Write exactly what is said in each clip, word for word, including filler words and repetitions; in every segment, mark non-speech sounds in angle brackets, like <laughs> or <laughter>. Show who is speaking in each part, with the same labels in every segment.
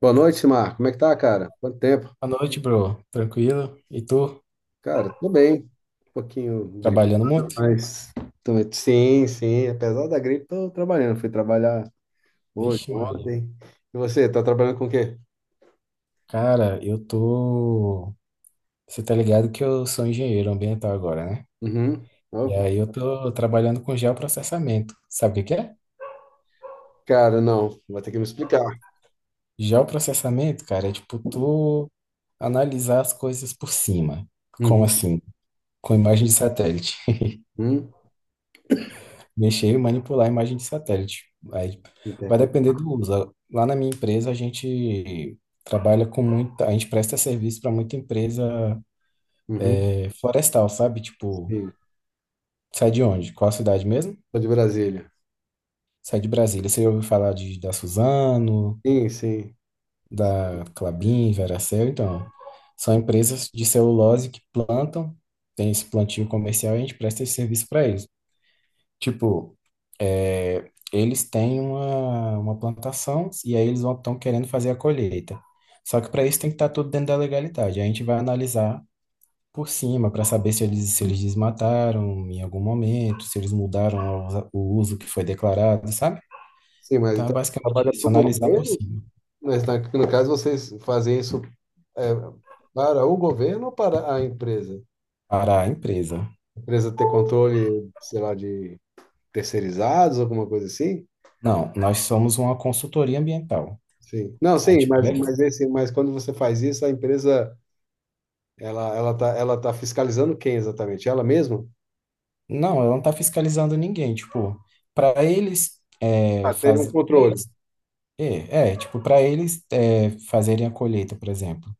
Speaker 1: Boa noite, Marco. Como é que tá, cara? Quanto tempo?
Speaker 2: Boa noite, bro. Tranquilo? E tu?
Speaker 1: Cara, tudo bem. Um pouquinho gripado,
Speaker 2: Trabalhando muito?
Speaker 1: mas... tô- Sim, sim. Apesar da gripe, tô trabalhando. Fui trabalhar hoje,
Speaker 2: Vixe, Maria.
Speaker 1: ontem. E você, tá trabalhando com o quê?
Speaker 2: Cara, eu tô. Você tá ligado que eu sou engenheiro ambiental agora, né?
Speaker 1: Uhum.
Speaker 2: E
Speaker 1: Oh,
Speaker 2: aí eu tô trabalhando com geoprocessamento. Sabe o que que é?
Speaker 1: cara, não. Vai ter que me explicar.
Speaker 2: Geoprocessamento, cara, é tipo tu analisar as coisas por cima. Como
Speaker 1: Uhum.
Speaker 2: assim? Com imagem de satélite.
Speaker 1: Uhum.
Speaker 2: <laughs> Mexer e manipular a imagem de satélite. Aí vai
Speaker 1: Interpre-
Speaker 2: depender do uso. Lá na minha empresa, a gente trabalha com muita. A gente presta serviço para muita empresa.
Speaker 1: Uhum.
Speaker 2: É florestal, sabe? Tipo,
Speaker 1: Sim.
Speaker 2: sai de onde? Qual a cidade mesmo?
Speaker 1: Sou de Brasília.
Speaker 2: Sai de Brasília. Você ouviu falar de, da Suzano,
Speaker 1: Sim, sim.
Speaker 2: da Klabin, Veracel? Então, são empresas de celulose que plantam, tem esse plantio comercial e a gente presta esse serviço para eles. Tipo, é, eles têm uma, uma plantação e aí eles estão querendo fazer a colheita. Só que para isso tem que estar tudo dentro da legalidade. A gente vai analisar por cima para saber se eles, se eles desmataram em algum momento, se eles mudaram a o uso que foi declarado, sabe?
Speaker 1: Sim, mas
Speaker 2: Então é
Speaker 1: então você
Speaker 2: basicamente
Speaker 1: trabalha para
Speaker 2: isso,
Speaker 1: o
Speaker 2: analisar por
Speaker 1: governo?
Speaker 2: cima
Speaker 1: Mas na- no caso, vocês fazem isso é, para o governo ou para a empresa?
Speaker 2: para a empresa.
Speaker 1: Empresa ter controle, sei lá, de terceirizados, alguma coisa assim?
Speaker 2: Não, nós somos uma consultoria ambiental.
Speaker 1: Sim. Não,
Speaker 2: A
Speaker 1: sim,
Speaker 2: gente
Speaker 1: mas,
Speaker 2: pref-
Speaker 1: mas, esse, mas quando você faz isso, a empresa, ela, ela tá, ela tá fiscalizando quem exatamente? Ela mesma?
Speaker 2: não, ela não está fiscalizando ninguém. Tipo, para eles é,
Speaker 1: Ah, ter um
Speaker 2: fazer,
Speaker 1: controle.
Speaker 2: é, é, tipo, para eles é, fazerem a colheita, por exemplo.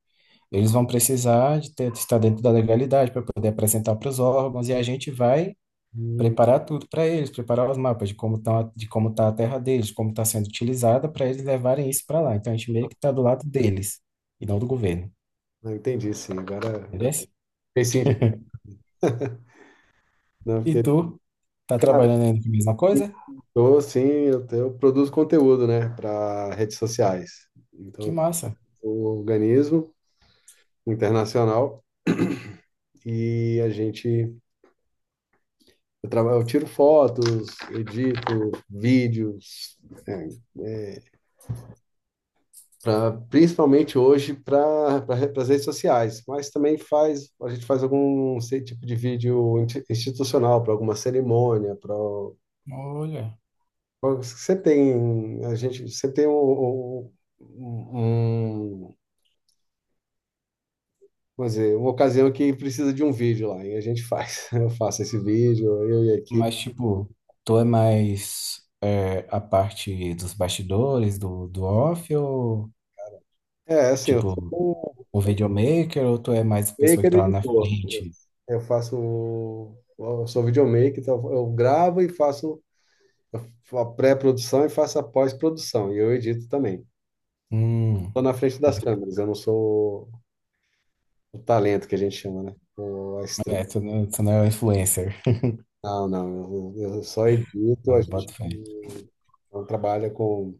Speaker 2: Eles vão precisar de ter, estar dentro da legalidade para poder apresentar para os órgãos e a gente vai
Speaker 1: Hum,
Speaker 2: preparar tudo para eles, preparar os mapas de como tá, de como tá a terra deles, como está sendo utilizada, para eles levarem isso para lá. Então a gente meio que está do lado deles e não do governo,
Speaker 1: não entendi, sim. Agora, agora
Speaker 2: entendeu?
Speaker 1: fiquei sim, não,
Speaker 2: E
Speaker 1: porque,
Speaker 2: tu tá
Speaker 1: cara,
Speaker 2: trabalhando ainda com a mesma coisa?
Speaker 1: eu, sim, eu, te- eu produzo conteúdo, né, para redes sociais.
Speaker 2: Que
Speaker 1: Então,
Speaker 2: massa!
Speaker 1: eu organizo internacional e a gente eu trabalho, eu tiro fotos, edito vídeos, é, pra- principalmente hoje para pra, as redes sociais, mas também faz, a gente faz algum sei, tipo de vídeo inti- institucional para alguma cerimônia, para
Speaker 2: Olha,
Speaker 1: sempre tem a gente sempre tem um, um, um- vamos dizer, uma ocasião que precisa de um vídeo lá e a gente faz. <laughs> Eu faço esse vídeo, eu e a equipe.
Speaker 2: mas tipo, tu é mais é, a parte dos bastidores, do, do off, ou
Speaker 1: É, assim, eu
Speaker 2: tipo,
Speaker 1: sou um
Speaker 2: o videomaker, ou tu é mais a pessoa que
Speaker 1: maker
Speaker 2: tá lá na
Speaker 1: editor. Eu
Speaker 2: frente?
Speaker 1: Eu faço, eu sou videomaker, então eu gravo e faço a pré-produção e faço a pós-produção, e eu edito também.
Speaker 2: Hum,
Speaker 1: Estou na frente das câmeras, eu não sou o talento que a gente chama, né? O, a estrela.
Speaker 2: é, tu não, tu não é o influencer.
Speaker 1: Não, não, eu, eu só edito, a
Speaker 2: Ah,
Speaker 1: gente
Speaker 2: bota fé.
Speaker 1: não trabalha com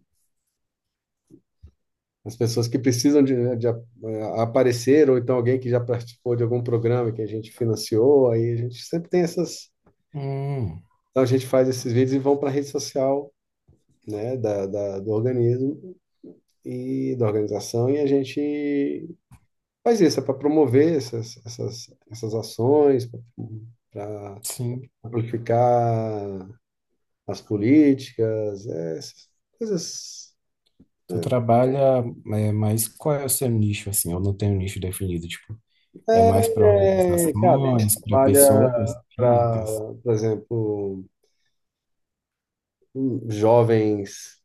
Speaker 1: as pessoas que precisam de, de a- aparecer, ou então alguém que já participou de algum programa que a gente financiou, aí a gente sempre tem essas.
Speaker 2: Hum.
Speaker 1: Então a gente faz esses vídeos e vão para a rede social, né, da, da- do organismo e da organização, e a gente faz isso, é para promover essas, essas, essas ações, para
Speaker 2: Sim.
Speaker 1: amplificar as políticas, é, essas coisas.
Speaker 2: Tu trabalha, é, mas qual é o seu nicho, assim? Eu não tenho um nicho definido. Tipo, é mais para
Speaker 1: É, é, cara, a gente
Speaker 2: organizações, para
Speaker 1: trabalha
Speaker 2: pessoas
Speaker 1: para,
Speaker 2: físicas?
Speaker 1: por exemplo, jovens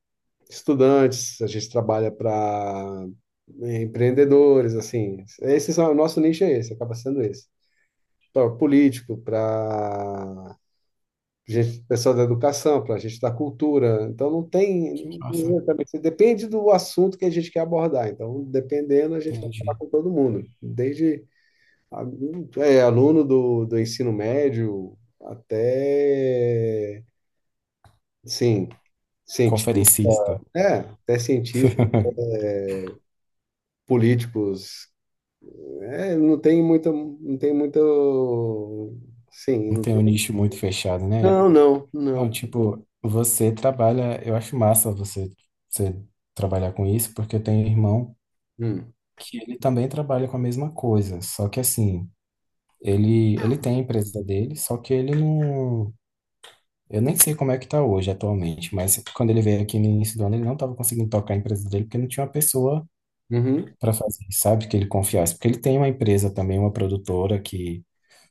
Speaker 1: estudantes, a gente trabalha para empreendedores, assim, esse é o nosso nicho é esse, acaba sendo esse. Para político, para gente, pessoal da educação, para gente da cultura. Então não tem
Speaker 2: Nossa,
Speaker 1: exatamente, depende do assunto que a gente quer abordar. Então, dependendo, a gente vai falar
Speaker 2: entendi.
Speaker 1: com todo mundo, desde a- é, aluno do, do ensino médio até sim, cientista,
Speaker 2: Conferencista.
Speaker 1: é, até cientista,
Speaker 2: <laughs>
Speaker 1: políticos. É, não tem muita, não tem muito, sim,
Speaker 2: Não
Speaker 1: não
Speaker 2: tem um
Speaker 1: tem-
Speaker 2: nicho muito fechado, né?
Speaker 1: Não, não,
Speaker 2: Não,
Speaker 1: não.
Speaker 2: tipo, você trabalha, eu acho massa você, você trabalhar com isso, porque eu tenho um irmão
Speaker 1: Hum.
Speaker 2: que ele também trabalha com a mesma coisa. Só que assim, ele, ele tem a empresa dele, só que ele não. Eu nem sei como é que tá hoje atualmente, mas quando ele veio aqui no início do ano, ele não estava conseguindo tocar a empresa dele porque não tinha uma pessoa
Speaker 1: Uhum.
Speaker 2: para fazer, sabe, que ele confiasse. Porque ele tem uma empresa também, uma produtora que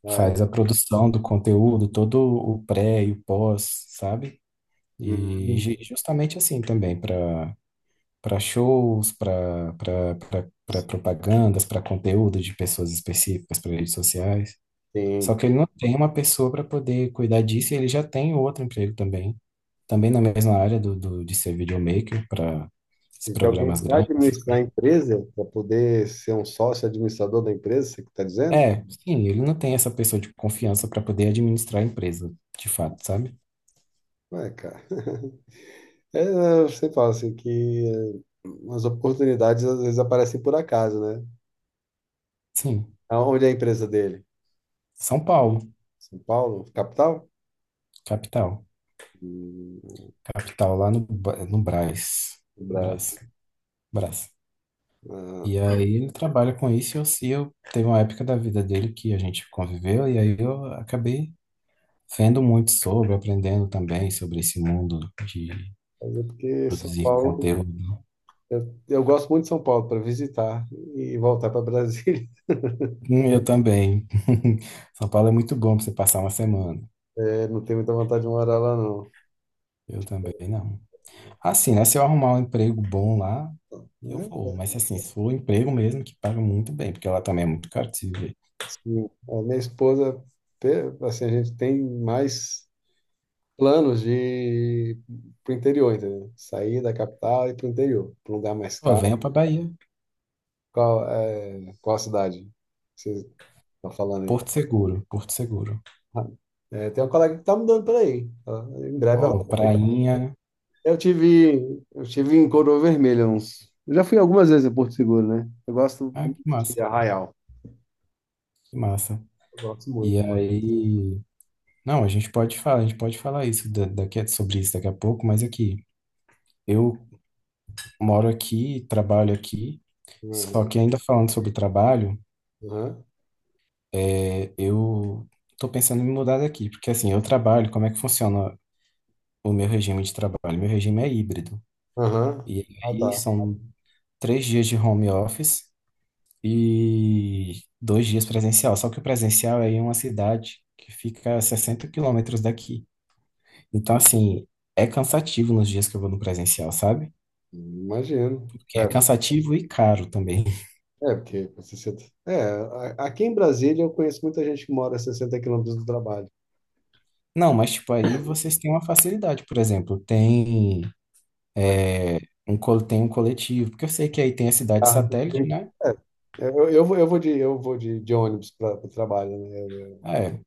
Speaker 1: Ah, é?
Speaker 2: faz a produção do conteúdo, todo o pré e o pós, sabe? E
Speaker 1: Hum,
Speaker 2: ju- justamente assim também, para para shows, para para propagandas, para conteúdo de pessoas específicas, para redes sociais. Só
Speaker 1: sim.
Speaker 2: que ele não tem uma pessoa para poder cuidar disso e ele já tem outro emprego também, também na mesma área do, do- de ser videomaker para esses
Speaker 1: Tem que alguém
Speaker 2: programas
Speaker 1: para
Speaker 2: grandes.
Speaker 1: administrar a empresa, para poder ser um sócio administrador da empresa, você que está dizendo?
Speaker 2: É, sim, ele não tem essa pessoa de confiança para poder administrar a empresa, de fato, sabe?
Speaker 1: Ué, cara. <laughs> É, eu sempre falo assim que eh, as oportunidades às vezes aparecem por acaso, né?
Speaker 2: Sim,
Speaker 1: Onde é a empresa dele?
Speaker 2: São Paulo,
Speaker 1: São Paulo, capital?
Speaker 2: capital.
Speaker 1: Hum,
Speaker 2: Capital lá no, Ba- no Brás.
Speaker 1: no Brasil.
Speaker 2: Brás, Brás.
Speaker 1: Ah,
Speaker 2: E aí ele trabalha com isso e eu, se eu teve uma época da vida dele que a gente conviveu e aí eu acabei vendo muito sobre, aprendendo também sobre esse mundo de
Speaker 1: mas é porque São
Speaker 2: produzir
Speaker 1: Paulo,
Speaker 2: conteúdo.
Speaker 1: eu, eu gosto muito de São Paulo para visitar e voltar para Brasília. <laughs>
Speaker 2: Hum, Eu também. <laughs> São Paulo é muito bom para você passar uma semana.
Speaker 1: Eh, não tenho muita vontade de morar lá, não.
Speaker 2: Eu também não. Assim, né? Se eu arrumar um emprego bom lá, eu
Speaker 1: É,
Speaker 2: vou. Mas assim, se for um emprego mesmo que paga muito bem, porque lá também é muito caro de se viver.
Speaker 1: sim, a minha esposa, pe- assim, a gente tem mais planos de ir pro interior, entendeu? Sair da capital e ir pro interior, pro lugar mais
Speaker 2: Pô,
Speaker 1: caro.
Speaker 2: venha pra Bahia.
Speaker 1: Qual, é, qual a cidade que vocês estão falando aí?
Speaker 2: Porto Seguro, Porto Seguro.
Speaker 1: Ah, é, tem uma colega que tá mudando por aí. Ela- Em breve ela...
Speaker 2: Pô, prainha.
Speaker 1: Eu tive, eu tive em Coroa Vermelha uns... Eu já fui algumas vezes em Porto Seguro, né? Eu gosto
Speaker 2: Ah,
Speaker 1: muito
Speaker 2: que
Speaker 1: de
Speaker 2: massa,
Speaker 1: Arraial.
Speaker 2: que massa.
Speaker 1: Eu gosto
Speaker 2: E
Speaker 1: muito.
Speaker 2: aí. Não, a gente pode falar, a gente pode falar isso da- daqui, sobre isso daqui a pouco, mas aqui. Eu moro aqui, trabalho aqui. Só
Speaker 1: Aham,
Speaker 2: que ainda falando sobre trabalho.
Speaker 1: aham,
Speaker 2: É, eu tô pensando em me mudar daqui, porque assim, eu trabalho, como é que funciona o meu regime de trabalho? Meu regime é híbrido.
Speaker 1: aham.
Speaker 2: E
Speaker 1: Ah,
Speaker 2: aí
Speaker 1: tá.
Speaker 2: são três dias de home office e dois dias presencial. Só que o presencial é em uma cidade que fica a sessenta quilômetros daqui. Então, assim, é cansativo nos dias que eu vou no presencial, sabe?
Speaker 1: Imagino.
Speaker 2: Porque é cansativo e caro também.
Speaker 1: É, porque com sessenta. É, a- aqui em Brasília eu conheço muita gente que mora a sessenta quilômetros do trabalho.
Speaker 2: Não, mas tipo, aí vocês têm uma facilidade, por exemplo, tem.
Speaker 1: Vai de
Speaker 2: É, um, col- tem um coletivo, porque eu sei que aí tem a cidade
Speaker 1: carro, tem que
Speaker 2: satélite,
Speaker 1: ver.
Speaker 2: né?
Speaker 1: Eu, eu, vou- eu vou de, eu vou de, de ônibus para o trabalho, né?
Speaker 2: É,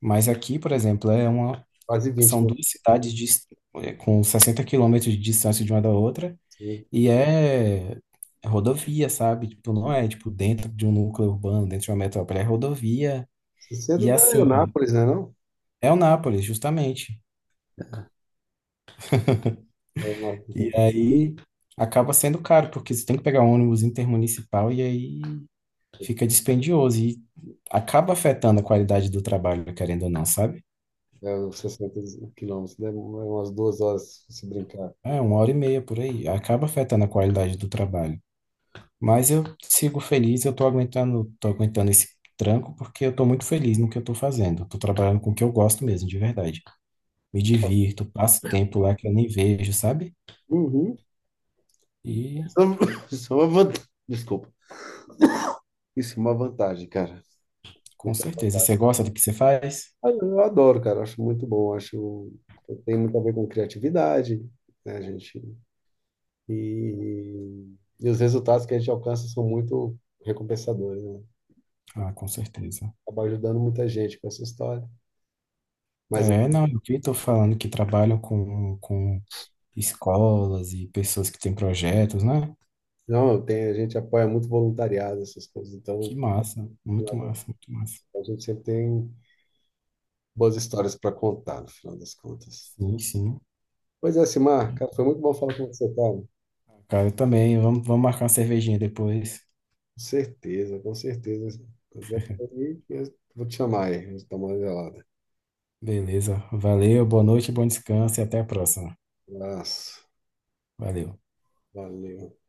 Speaker 2: mas aqui, por exemplo, é uma,
Speaker 1: Quase vinte.
Speaker 2: são
Speaker 1: quilômetros.
Speaker 2: duas cidades dis- é, com sessenta quilômetros de distância de uma da outra,
Speaker 1: Assim.
Speaker 2: e é é rodovia, sabe? Tipo, não é tipo dentro de um núcleo urbano, dentro de uma metrópole, é rodovia,
Speaker 1: sessenta
Speaker 2: e
Speaker 1: da
Speaker 2: assim,
Speaker 1: Leonápolis, né, não?
Speaker 2: é o Nápoles, justamente.
Speaker 1: É, uma,
Speaker 2: E aí acaba sendo caro, porque você tem que pegar um ônibus intermunicipal, e aí fica dispendioso e acaba afetando a qualidade do trabalho, querendo ou não, sabe?
Speaker 1: é uns sessenta quilômetros, né? Umas duas horas se brincar.
Speaker 2: É uma hora e meia por aí, acaba afetando a qualidade do trabalho. Mas eu sigo feliz, eu tô aguentando, tô aguentando esse tranco porque eu tô muito feliz no que eu tô fazendo. Eu tô trabalhando com o que eu gosto mesmo, de verdade. Me divirto, passo tempo lá que eu nem vejo, sabe?
Speaker 1: Uhum.
Speaker 2: E
Speaker 1: Isso é uma <laughs> isso é uma vantagem. Desculpa. Isso é uma vantagem, cara.
Speaker 2: com
Speaker 1: Isso é uma
Speaker 2: certeza,
Speaker 1: vantagem.
Speaker 2: você gosta do que você faz?
Speaker 1: Ah, eu adoro, cara. Acho muito bom. Acho que tem muito a ver com criatividade, né, gente? E, e os resultados que a gente alcança são muito recompensadores, né?
Speaker 2: Ah, com certeza.
Speaker 1: Acaba ajudando muita gente com essa história. Mas
Speaker 2: É, não, eu que tô falando que trabalham com, com escolas e pessoas que têm projetos, né?
Speaker 1: não, tem, a gente apoia muito voluntariado, essas coisas.
Speaker 2: Que
Speaker 1: Então,
Speaker 2: massa, muito massa, muito massa.
Speaker 1: a gente sempre tem boas histórias para contar, no final das contas.
Speaker 2: Sim, sim.
Speaker 1: Pois é, Simar, cara, foi muito bom falar com você, cara. Com
Speaker 2: Cara, eu também. Vamos, vamos marcar uma cervejinha depois.
Speaker 1: certeza, com certeza. Quando tiver por aí, eu vou te chamar aí, a gente toma uma gelada.
Speaker 2: Beleza. Valeu, boa noite, bom descanso e até a próxima.
Speaker 1: Abraço,
Speaker 2: Valeu.
Speaker 1: valeu.